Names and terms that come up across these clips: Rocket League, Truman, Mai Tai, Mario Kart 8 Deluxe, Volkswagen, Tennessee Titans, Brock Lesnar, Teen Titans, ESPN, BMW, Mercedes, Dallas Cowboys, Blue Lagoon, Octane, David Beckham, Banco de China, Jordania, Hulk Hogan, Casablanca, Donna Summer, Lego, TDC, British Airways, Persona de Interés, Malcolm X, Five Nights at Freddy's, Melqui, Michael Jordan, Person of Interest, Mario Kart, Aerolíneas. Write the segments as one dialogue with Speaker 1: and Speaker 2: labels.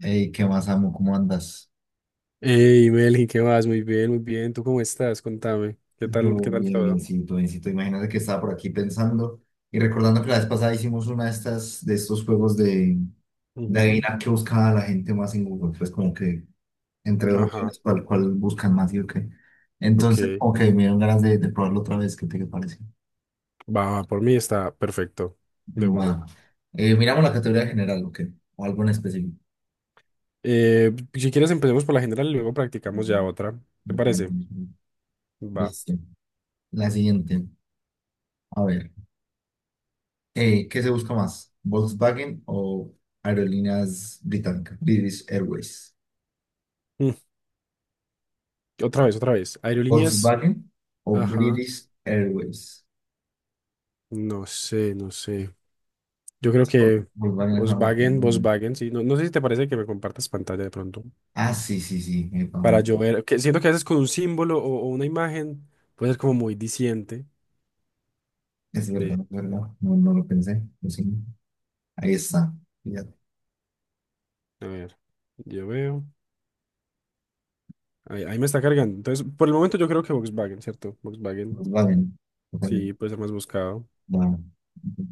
Speaker 1: Hey, ¿qué más, amo? ¿Cómo andas?
Speaker 2: Hey, Melqui, ¿qué vas? Muy bien, muy bien. ¿Tú cómo estás? Contame.
Speaker 1: Yo
Speaker 2: Qué tal
Speaker 1: bien,
Speaker 2: todo?
Speaker 1: biencito. Imagínate que estaba por aquí pensando y recordando que la vez pasada hicimos una de estas, de estos juegos de
Speaker 2: Ujú.
Speaker 1: adivinar qué buscaba la gente más en Google. Pues como que entre dos
Speaker 2: Ajá,
Speaker 1: opciones, cuál buscan más y o qué. Entonces,
Speaker 2: ok.
Speaker 1: ok, me dieron ganas de probarlo otra vez. ¿Qué te parece?
Speaker 2: Va, va, por mí está perfecto. De una.
Speaker 1: Va. Miramos la categoría general, ¿o qué? O algo en específico.
Speaker 2: Si quieres empecemos por la general y luego practicamos ya
Speaker 1: Mm,
Speaker 2: otra. ¿Te
Speaker 1: me parece.
Speaker 2: parece? Va.
Speaker 1: Listo. La siguiente. A ver. ¿Qué se busca más? ¿Volkswagen o aerolíneas británicas? British Airways.
Speaker 2: Mm, Otra vez, otra vez. Aerolíneas.
Speaker 1: ¿Volkswagen o
Speaker 2: Ajá.
Speaker 1: British Airways?
Speaker 2: No sé, no sé. Yo creo que
Speaker 1: Volkswagen es una marca
Speaker 2: Volkswagen,
Speaker 1: muy grande.
Speaker 2: Volkswagen, sí. No, no sé si te parece que me compartas pantalla de pronto.
Speaker 1: Ah, sí, sí, sí. Epa,
Speaker 2: Para
Speaker 1: man.
Speaker 2: yo ver, que siento que a veces con un símbolo o una imagen puede ser como muy diciente.
Speaker 1: Es verdad, es verdad. No, no lo pensé. Lo siento. Ahí está. Fíjate.
Speaker 2: A ver, yo veo. Ahí, ahí me está cargando. Entonces, por el momento yo creo que Volkswagen, ¿cierto? Volkswagen,
Speaker 1: Volkswagen. Ojalá.
Speaker 2: sí, puede ser más buscado.
Speaker 1: Bueno,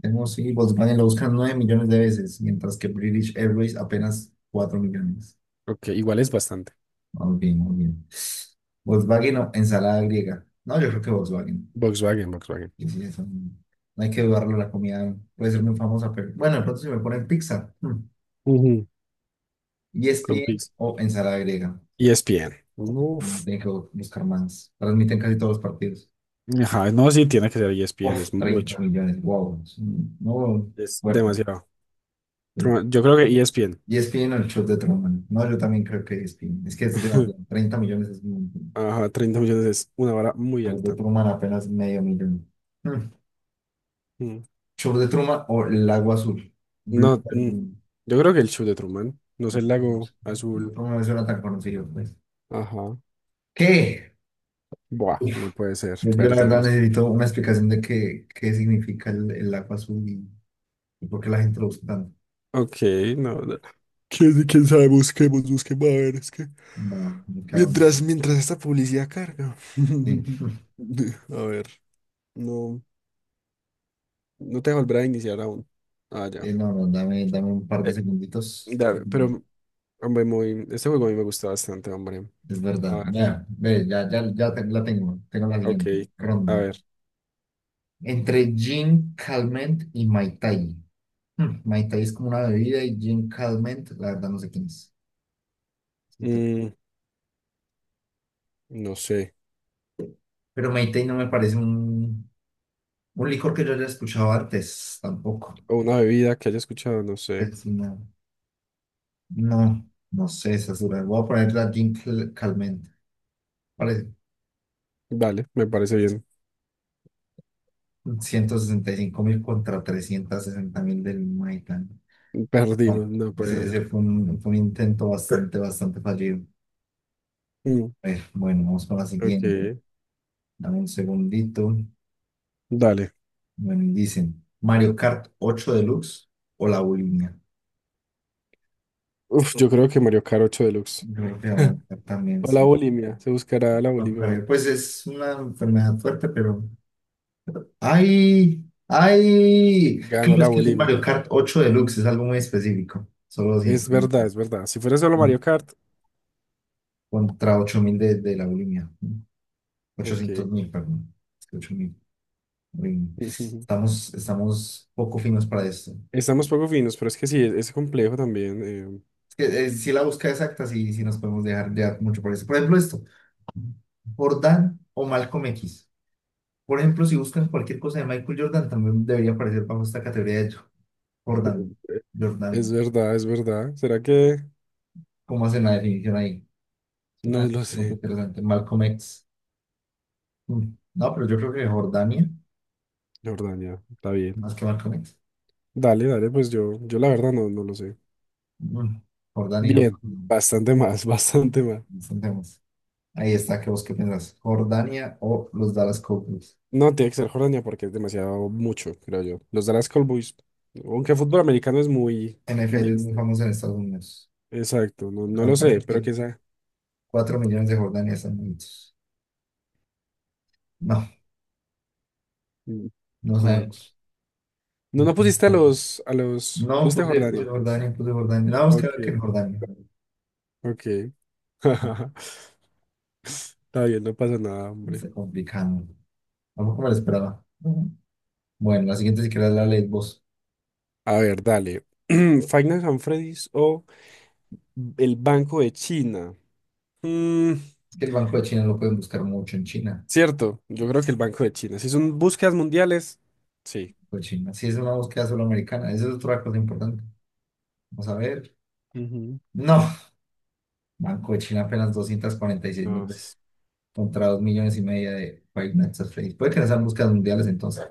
Speaker 1: tenemos, sí, Volkswagen lo buscan 9 millones de veces, mientras que British Airways apenas 4 millones.
Speaker 2: Ok, igual es bastante.
Speaker 1: Muy bien, muy bien. ¿Volkswagen o ensalada griega? No, yo creo que Volkswagen.
Speaker 2: Volkswagen, Volkswagen.
Speaker 1: Y sí, eso, no hay que dudarlo, la comida puede ser muy famosa, pero bueno, de pronto si me ponen pizza,
Speaker 2: Ujú. Con
Speaker 1: ESPN
Speaker 2: Pix.
Speaker 1: o ensalada griega,
Speaker 2: ESPN.
Speaker 1: no
Speaker 2: Uf.
Speaker 1: tienen que buscar más. Transmiten casi todos los partidos.
Speaker 2: Ajá, no, sí, tiene que ser ESPN,
Speaker 1: Uf,
Speaker 2: es
Speaker 1: 30
Speaker 2: mucho.
Speaker 1: millones, wow, no,
Speaker 2: Es
Speaker 1: fuerte.
Speaker 2: demasiado. Yo creo que ESPN.
Speaker 1: ESPN o el show de Truman, no, yo también creo que ESPN, es que es de bueno, 30 millones es un montón.
Speaker 2: Ajá, 30 millones es una vara muy
Speaker 1: Show de
Speaker 2: alta.
Speaker 1: Truman apenas medio millón. Hmm,
Speaker 2: Mm.
Speaker 1: Show de Truman o el agua azul, Blue
Speaker 2: No,
Speaker 1: Lagoon.
Speaker 2: yo creo que el show de Truman, no sé, el lago
Speaker 1: No
Speaker 2: azul.
Speaker 1: me suena tan conocido, pues.
Speaker 2: Ajá.
Speaker 1: ¿Qué?
Speaker 2: Buah, no puede ser,
Speaker 1: Yo la verdad
Speaker 2: perdimos.
Speaker 1: necesito una explicación de qué, qué significa el agua azul y por qué la gente lo usa tanto.
Speaker 2: Ok, no. ¿Quién sabe? Busquemos, busquemos. A ver, es que...
Speaker 1: No,
Speaker 2: Mientras esta publicidad carga.
Speaker 1: sí.
Speaker 2: A ver, no, no te volverá a iniciar aún. Ah, ya.
Speaker 1: No, no, dame un par de
Speaker 2: Eh,
Speaker 1: segunditos.
Speaker 2: pero, hombre, muy... Este juego a mí me gusta bastante, hombre.
Speaker 1: Es
Speaker 2: A
Speaker 1: verdad.
Speaker 2: ver,
Speaker 1: Ya, ve, ya, ya, la tengo. Tengo la siguiente
Speaker 2: ok. A
Speaker 1: ronda.
Speaker 2: ver.
Speaker 1: Entre gin, calmant y Mai Tai. Hmm, Mai Tai es como una bebida y gin calmant, la verdad no sé quién es. Sí te-
Speaker 2: mm, no sé.
Speaker 1: Pero Mai Tai no me parece un licor que yo haya escuchado antes, tampoco.
Speaker 2: O una bebida que haya escuchado, no sé.
Speaker 1: Es una- No, no sé, esa es voy a poner la Calment. Vale,
Speaker 2: Dale, me parece bien.
Speaker 1: 165.000 contra 360.000 del Maitan. No,
Speaker 2: Perdimos, no puede
Speaker 1: ese
Speaker 2: ser.
Speaker 1: fue fue un intento bastante fallido.
Speaker 2: Mm,
Speaker 1: A ver, bueno, vamos con la siguiente.
Speaker 2: ok,
Speaker 1: Dame un segundito.
Speaker 2: dale.
Speaker 1: Bueno, y dicen Mario Kart 8 Deluxe o la bulimia.
Speaker 2: Uf, yo creo que Mario Kart 8 Deluxe.
Speaker 1: Yo creo que va a estar también,
Speaker 2: O la
Speaker 1: sí.
Speaker 2: bulimia, se buscará la
Speaker 1: No
Speaker 2: bulimia.
Speaker 1: creo. Pues es una enfermedad fuerte, pero ay, ay.
Speaker 2: Ganó
Speaker 1: Claro,
Speaker 2: la
Speaker 1: es que el
Speaker 2: bulimia.
Speaker 1: Mario Kart 8 Deluxe es algo muy específico. Solo
Speaker 2: Es
Speaker 1: 200.000
Speaker 2: verdad,
Speaker 1: pues,
Speaker 2: es verdad. Si fuera solo
Speaker 1: no,
Speaker 2: Mario Kart,
Speaker 1: contra 8.000 de la bulimia, ¿no?
Speaker 2: ok.
Speaker 1: 800.000, perdón. Es que 8 mil. Bulimia. Estamos poco finos para esto.
Speaker 2: Estamos poco finos, pero es que sí, es complejo también.
Speaker 1: Es que, si la busca exacta, sí, sí nos podemos dejar ya mucho por eso. Por ejemplo, esto. Jordan o Malcolm X. Por ejemplo, si buscan cualquier cosa de Michael Jordan, también debería aparecer bajo esta categoría de
Speaker 2: eh,
Speaker 1: Jordan.
Speaker 2: es
Speaker 1: Jordan.
Speaker 2: verdad, es verdad. ¿Será que...?
Speaker 1: ¿Cómo hacen la definición ahí?
Speaker 2: No
Speaker 1: Suena
Speaker 2: lo
Speaker 1: como que
Speaker 2: sé.
Speaker 1: interesante. Malcolm X. Mm. No, pero yo creo que Jordania,
Speaker 2: La verdad, ya, está bien.
Speaker 1: más que Malcolm X.
Speaker 2: Dale, dale, pues yo la verdad no lo sé.
Speaker 1: Mm. Jordania.
Speaker 2: Bien, bastante más, bastante más.
Speaker 1: Enfrentemos. Ahí está, ¿qué vos qué pensás? ¿Jordania o los Dallas Cowboys?
Speaker 2: No, tiene que ser Jordania porque es demasiado mucho, creo yo. Los Dallas Cowboys, aunque fútbol americano es muy
Speaker 1: NFL es muy
Speaker 2: mainstream.
Speaker 1: famoso en Estados Unidos.
Speaker 2: Exacto, no, no
Speaker 1: Pero
Speaker 2: lo
Speaker 1: me
Speaker 2: sé,
Speaker 1: parece
Speaker 2: pero
Speaker 1: que
Speaker 2: que sea.
Speaker 1: 4 millones de Jordania están bonitos. No, no sabemos.
Speaker 2: No,
Speaker 1: No,
Speaker 2: no pusiste a
Speaker 1: sabemos.
Speaker 2: los, no
Speaker 1: No,
Speaker 2: pusiste a
Speaker 1: puse
Speaker 2: Jordania.
Speaker 1: Jordania, puse Jordania. No, vamos a
Speaker 2: Ok,
Speaker 1: quedar que en Jordania.
Speaker 2: ok. Está bien, no pasa nada, hombre.
Speaker 1: Está complicado. Tampoco me lo esperaba. Bueno, la siguiente si querés la lees vos.
Speaker 2: A ver, dale. Finance and Freddy's o el Banco de China. Mm,
Speaker 1: Es que el Banco de China lo pueden buscar mucho en China.
Speaker 2: cierto, yo creo que el Banco de China. Si son búsquedas mundiales, sí.
Speaker 1: Banco de China. Si es una búsqueda solo americana, esa es otra cosa importante. Vamos a ver.
Speaker 2: Ujú.
Speaker 1: No, Banco de China apenas 246.000 veces
Speaker 2: Dios,
Speaker 1: contra 2,5 millones de Five Nights at Freddy's. Puede que no sean búsquedas mundiales entonces.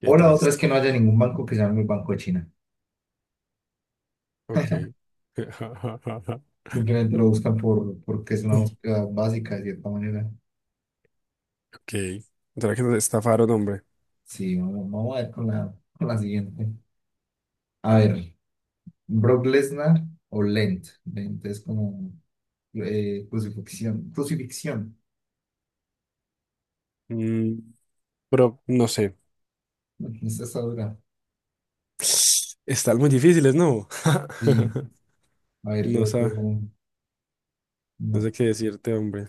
Speaker 2: qué
Speaker 1: O la otra
Speaker 2: triste.
Speaker 1: es que no haya ningún banco que se llame el Banco de China.
Speaker 2: Ok.
Speaker 1: Simplemente lo buscan por, porque es una búsqueda básica de cierta manera.
Speaker 2: Ok. ¿Será que nos estafaron, hombre?
Speaker 1: Sí, vamos, vamos a ver con la siguiente. A ver, Brock Lesnar o Lent. Lent es como crucifixión. Crucifixión.
Speaker 2: Mm, pero no sé.
Speaker 1: Esta está dura.
Speaker 2: Están muy difíciles, ¿no?
Speaker 1: Sí. A ver,
Speaker 2: No
Speaker 1: yo,
Speaker 2: sé.
Speaker 1: yo
Speaker 2: No
Speaker 1: no.
Speaker 2: sé qué decirte, hombre.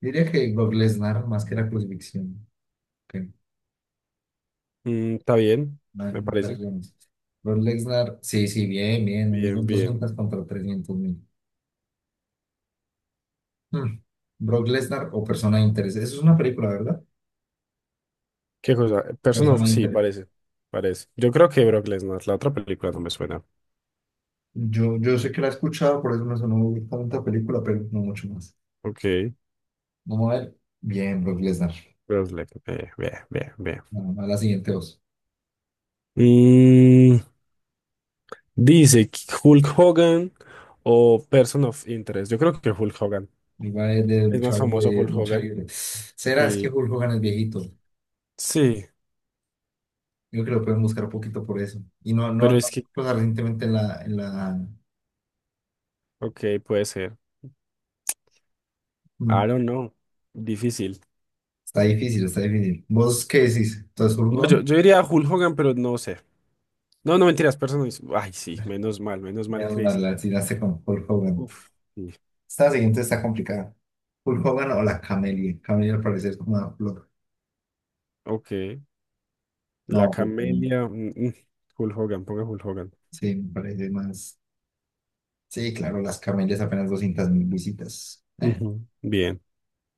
Speaker 1: Diría que Brock Lesnar, más que la crucifixión. Ok.
Speaker 2: Está bien,
Speaker 1: Vale,
Speaker 2: me parece.
Speaker 1: perdón. Brock Lesnar, sí, sí, bien, bien. Un
Speaker 2: Bien,
Speaker 1: millón
Speaker 2: bien.
Speaker 1: doscientos contra 300.000. Hmm. Brock Lesnar o Persona de Interés. Eso es una película, ¿verdad?
Speaker 2: ¿Qué cosa? Person of...
Speaker 1: Persona de
Speaker 2: Sí,
Speaker 1: Interés.
Speaker 2: parece. Parece. Yo creo que Brock Lesnar. La otra película no me suena.
Speaker 1: Yo sé que la he escuchado, por eso me sonó tanta película, pero no mucho más.
Speaker 2: Ok.
Speaker 1: Vamos a ver. Bien, Brock Lesnar.
Speaker 2: Brock Lesnar. Bien, bien, bien.
Speaker 1: Bueno, a la siguiente voz.
Speaker 2: Mm, Dice Hulk Hogan o Person of Interest. Yo creo que Hulk Hogan.
Speaker 1: Iba a ir de
Speaker 2: Es más
Speaker 1: luchador
Speaker 2: famoso
Speaker 1: de
Speaker 2: Hulk
Speaker 1: lucha
Speaker 2: Hogan.
Speaker 1: libre. ¿Será? Es que
Speaker 2: Sí.
Speaker 1: Hulk Hogan es viejito.
Speaker 2: Sí.
Speaker 1: Yo creo que lo pueden buscar un poquito por eso. Y no, no,
Speaker 2: Pero
Speaker 1: no,
Speaker 2: es que...
Speaker 1: pues recientemente en la...
Speaker 2: Ok, puede ser.
Speaker 1: mm,
Speaker 2: I don't know. Difícil.
Speaker 1: está difícil, está difícil. ¿Vos qué decís? ¿Entonces
Speaker 2: No, yo,
Speaker 1: Hogan?
Speaker 2: yo diría Hulk Hogan, pero no sé. No, no mentiras, personas. Ay, sí, menos mal,
Speaker 1: Menos mal,
Speaker 2: Chris.
Speaker 1: la tiraste con Hulk Hogan.
Speaker 2: Uf. Sí,
Speaker 1: Esta siguiente está complicada. ¿Hulk Hogan o la Camelia? Camelia al parecer es como una flor.
Speaker 2: ok. La
Speaker 1: No, Hulk Hogan.
Speaker 2: Camelia. Hulk Hogan, ponga Hulk Hogan.
Speaker 1: Sí, me parece más... Sí, claro, las camelias apenas 200.000 visitas.
Speaker 2: Ujú. Bien.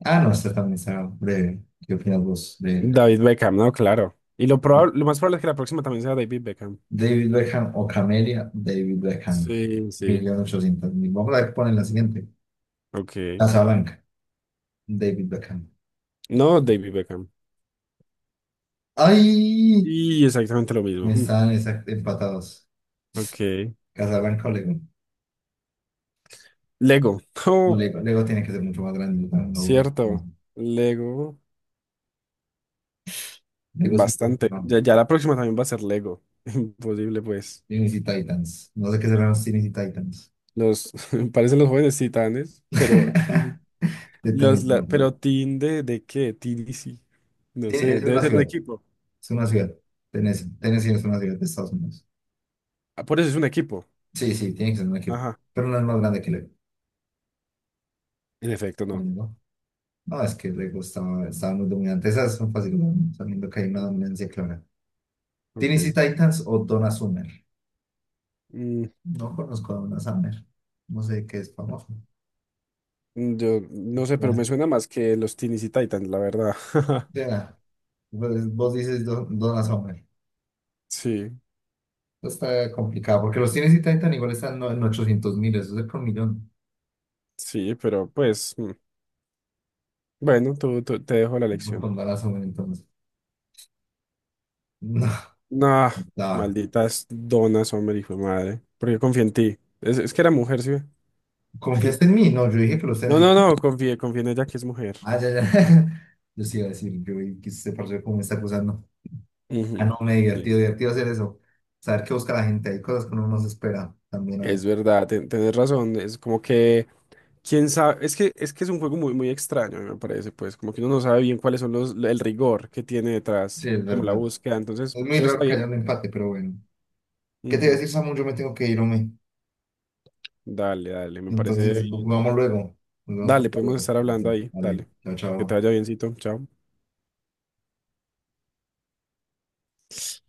Speaker 1: Ah, no, esta también está breve. ¿Qué opinas vos de ella?
Speaker 2: David Beckham, no, claro. Y lo más probable es que la próxima también sea David Beckham.
Speaker 1: David Beckham o Camelia, David Beckham, un
Speaker 2: Sí, sí.
Speaker 1: millón ochocientos mil. Vamos a ver, ponen la siguiente.
Speaker 2: Ok.
Speaker 1: Casablanca, David Beckham.
Speaker 2: No, David Beckham.
Speaker 1: ¡Ay!
Speaker 2: Y exactamente lo mismo. Mm.
Speaker 1: Empatados.
Speaker 2: Ok.
Speaker 1: Casablanca o Lego.
Speaker 2: Lego.
Speaker 1: No,
Speaker 2: Oh,
Speaker 1: Lego, Lego tiene que ser mucho más grande. No, no, no.
Speaker 2: cierto. Lego.
Speaker 1: Lego es un poco que
Speaker 2: Bastante.
Speaker 1: no.
Speaker 2: Ya, ya la próxima también va a ser Lego. Imposible, pues.
Speaker 1: Tennessee Titans. No sé qué serán los Tennessee Titans.
Speaker 2: Los parecen los jóvenes titanes, pero Teen-
Speaker 1: De tenis, no. No.
Speaker 2: pero team de qué? TDC. No sé,
Speaker 1: Es
Speaker 2: debe
Speaker 1: una
Speaker 2: ser un
Speaker 1: ciudad.
Speaker 2: equipo.
Speaker 1: Es una ciudad. Tennessee es una ciudad de Estados Unidos.
Speaker 2: Ah, por eso es un equipo.
Speaker 1: Sí, sí, tiene que ser un equipo.
Speaker 2: Ajá.
Speaker 1: Pero no es más grande que Lego.
Speaker 2: En efecto,
Speaker 1: No,
Speaker 2: no.
Speaker 1: no. No. No, es que le gustaba, estaba muy dominante. Esas son fáciles, sabiendo que hay una
Speaker 2: Ujú.
Speaker 1: dominancia clara. ¿Tennessee
Speaker 2: Ok.
Speaker 1: Titans o Donna Summer?
Speaker 2: Mm,
Speaker 1: No conozco a Donna Summer. No sé qué es famoso.
Speaker 2: yo no sé, pero
Speaker 1: Ya,
Speaker 2: me suena más que los Teens y Titans, la verdad.
Speaker 1: ya. Pues, vos dices Donna Summer.
Speaker 2: Sí,
Speaker 1: Esto está complicado, porque los Tennessee Titans igual están en 800.000, eso es con millón.
Speaker 2: sí, pero pues, bueno, te dejo la
Speaker 1: No
Speaker 2: lección.
Speaker 1: con Donna Summer, entonces. No,
Speaker 2: Nah,
Speaker 1: no.
Speaker 2: malditas donas, hombre, hijo de madre. Porque confié en ti. Es que era mujer, ¿sí? ¿Ve?
Speaker 1: ¿Confiaste en mí? No, yo dije que los
Speaker 2: No,
Speaker 1: Tennessee
Speaker 2: no,
Speaker 1: Titans.
Speaker 2: no, confié en ella que es mujer.
Speaker 1: Ah, ya, ya. Yo sí iba a decir, yo vi que usted parece como me está acusando. Ah,
Speaker 2: Ujú.
Speaker 1: no, me divertido,
Speaker 2: Listo.
Speaker 1: divertido hacer eso. Saber qué busca la gente. Hay cosas que uno no se espera también. Hay.
Speaker 2: Es verdad, tenés razón, es como que, quién sabe, es que es un juego muy muy extraño, me parece, pues, como que uno no sabe bien cuáles son los el rigor que tiene
Speaker 1: Sí,
Speaker 2: detrás,
Speaker 1: es
Speaker 2: como la
Speaker 1: verdad.
Speaker 2: búsqueda, entonces,
Speaker 1: Es muy
Speaker 2: pero
Speaker 1: raro
Speaker 2: está
Speaker 1: que haya
Speaker 2: bien.
Speaker 1: un empate, pero bueno. ¿Qué te voy a
Speaker 2: Ujú.
Speaker 1: decir, Samu? Yo me tengo que ir, hombre.
Speaker 2: Dale, dale, me parece bien.
Speaker 1: Entonces, vamos luego. Nos vemos para
Speaker 2: Dale, podemos
Speaker 1: luego.
Speaker 2: estar hablando ahí,
Speaker 1: Vale,
Speaker 2: dale.
Speaker 1: chao,
Speaker 2: Que te
Speaker 1: chao.
Speaker 2: vaya biencito, chao.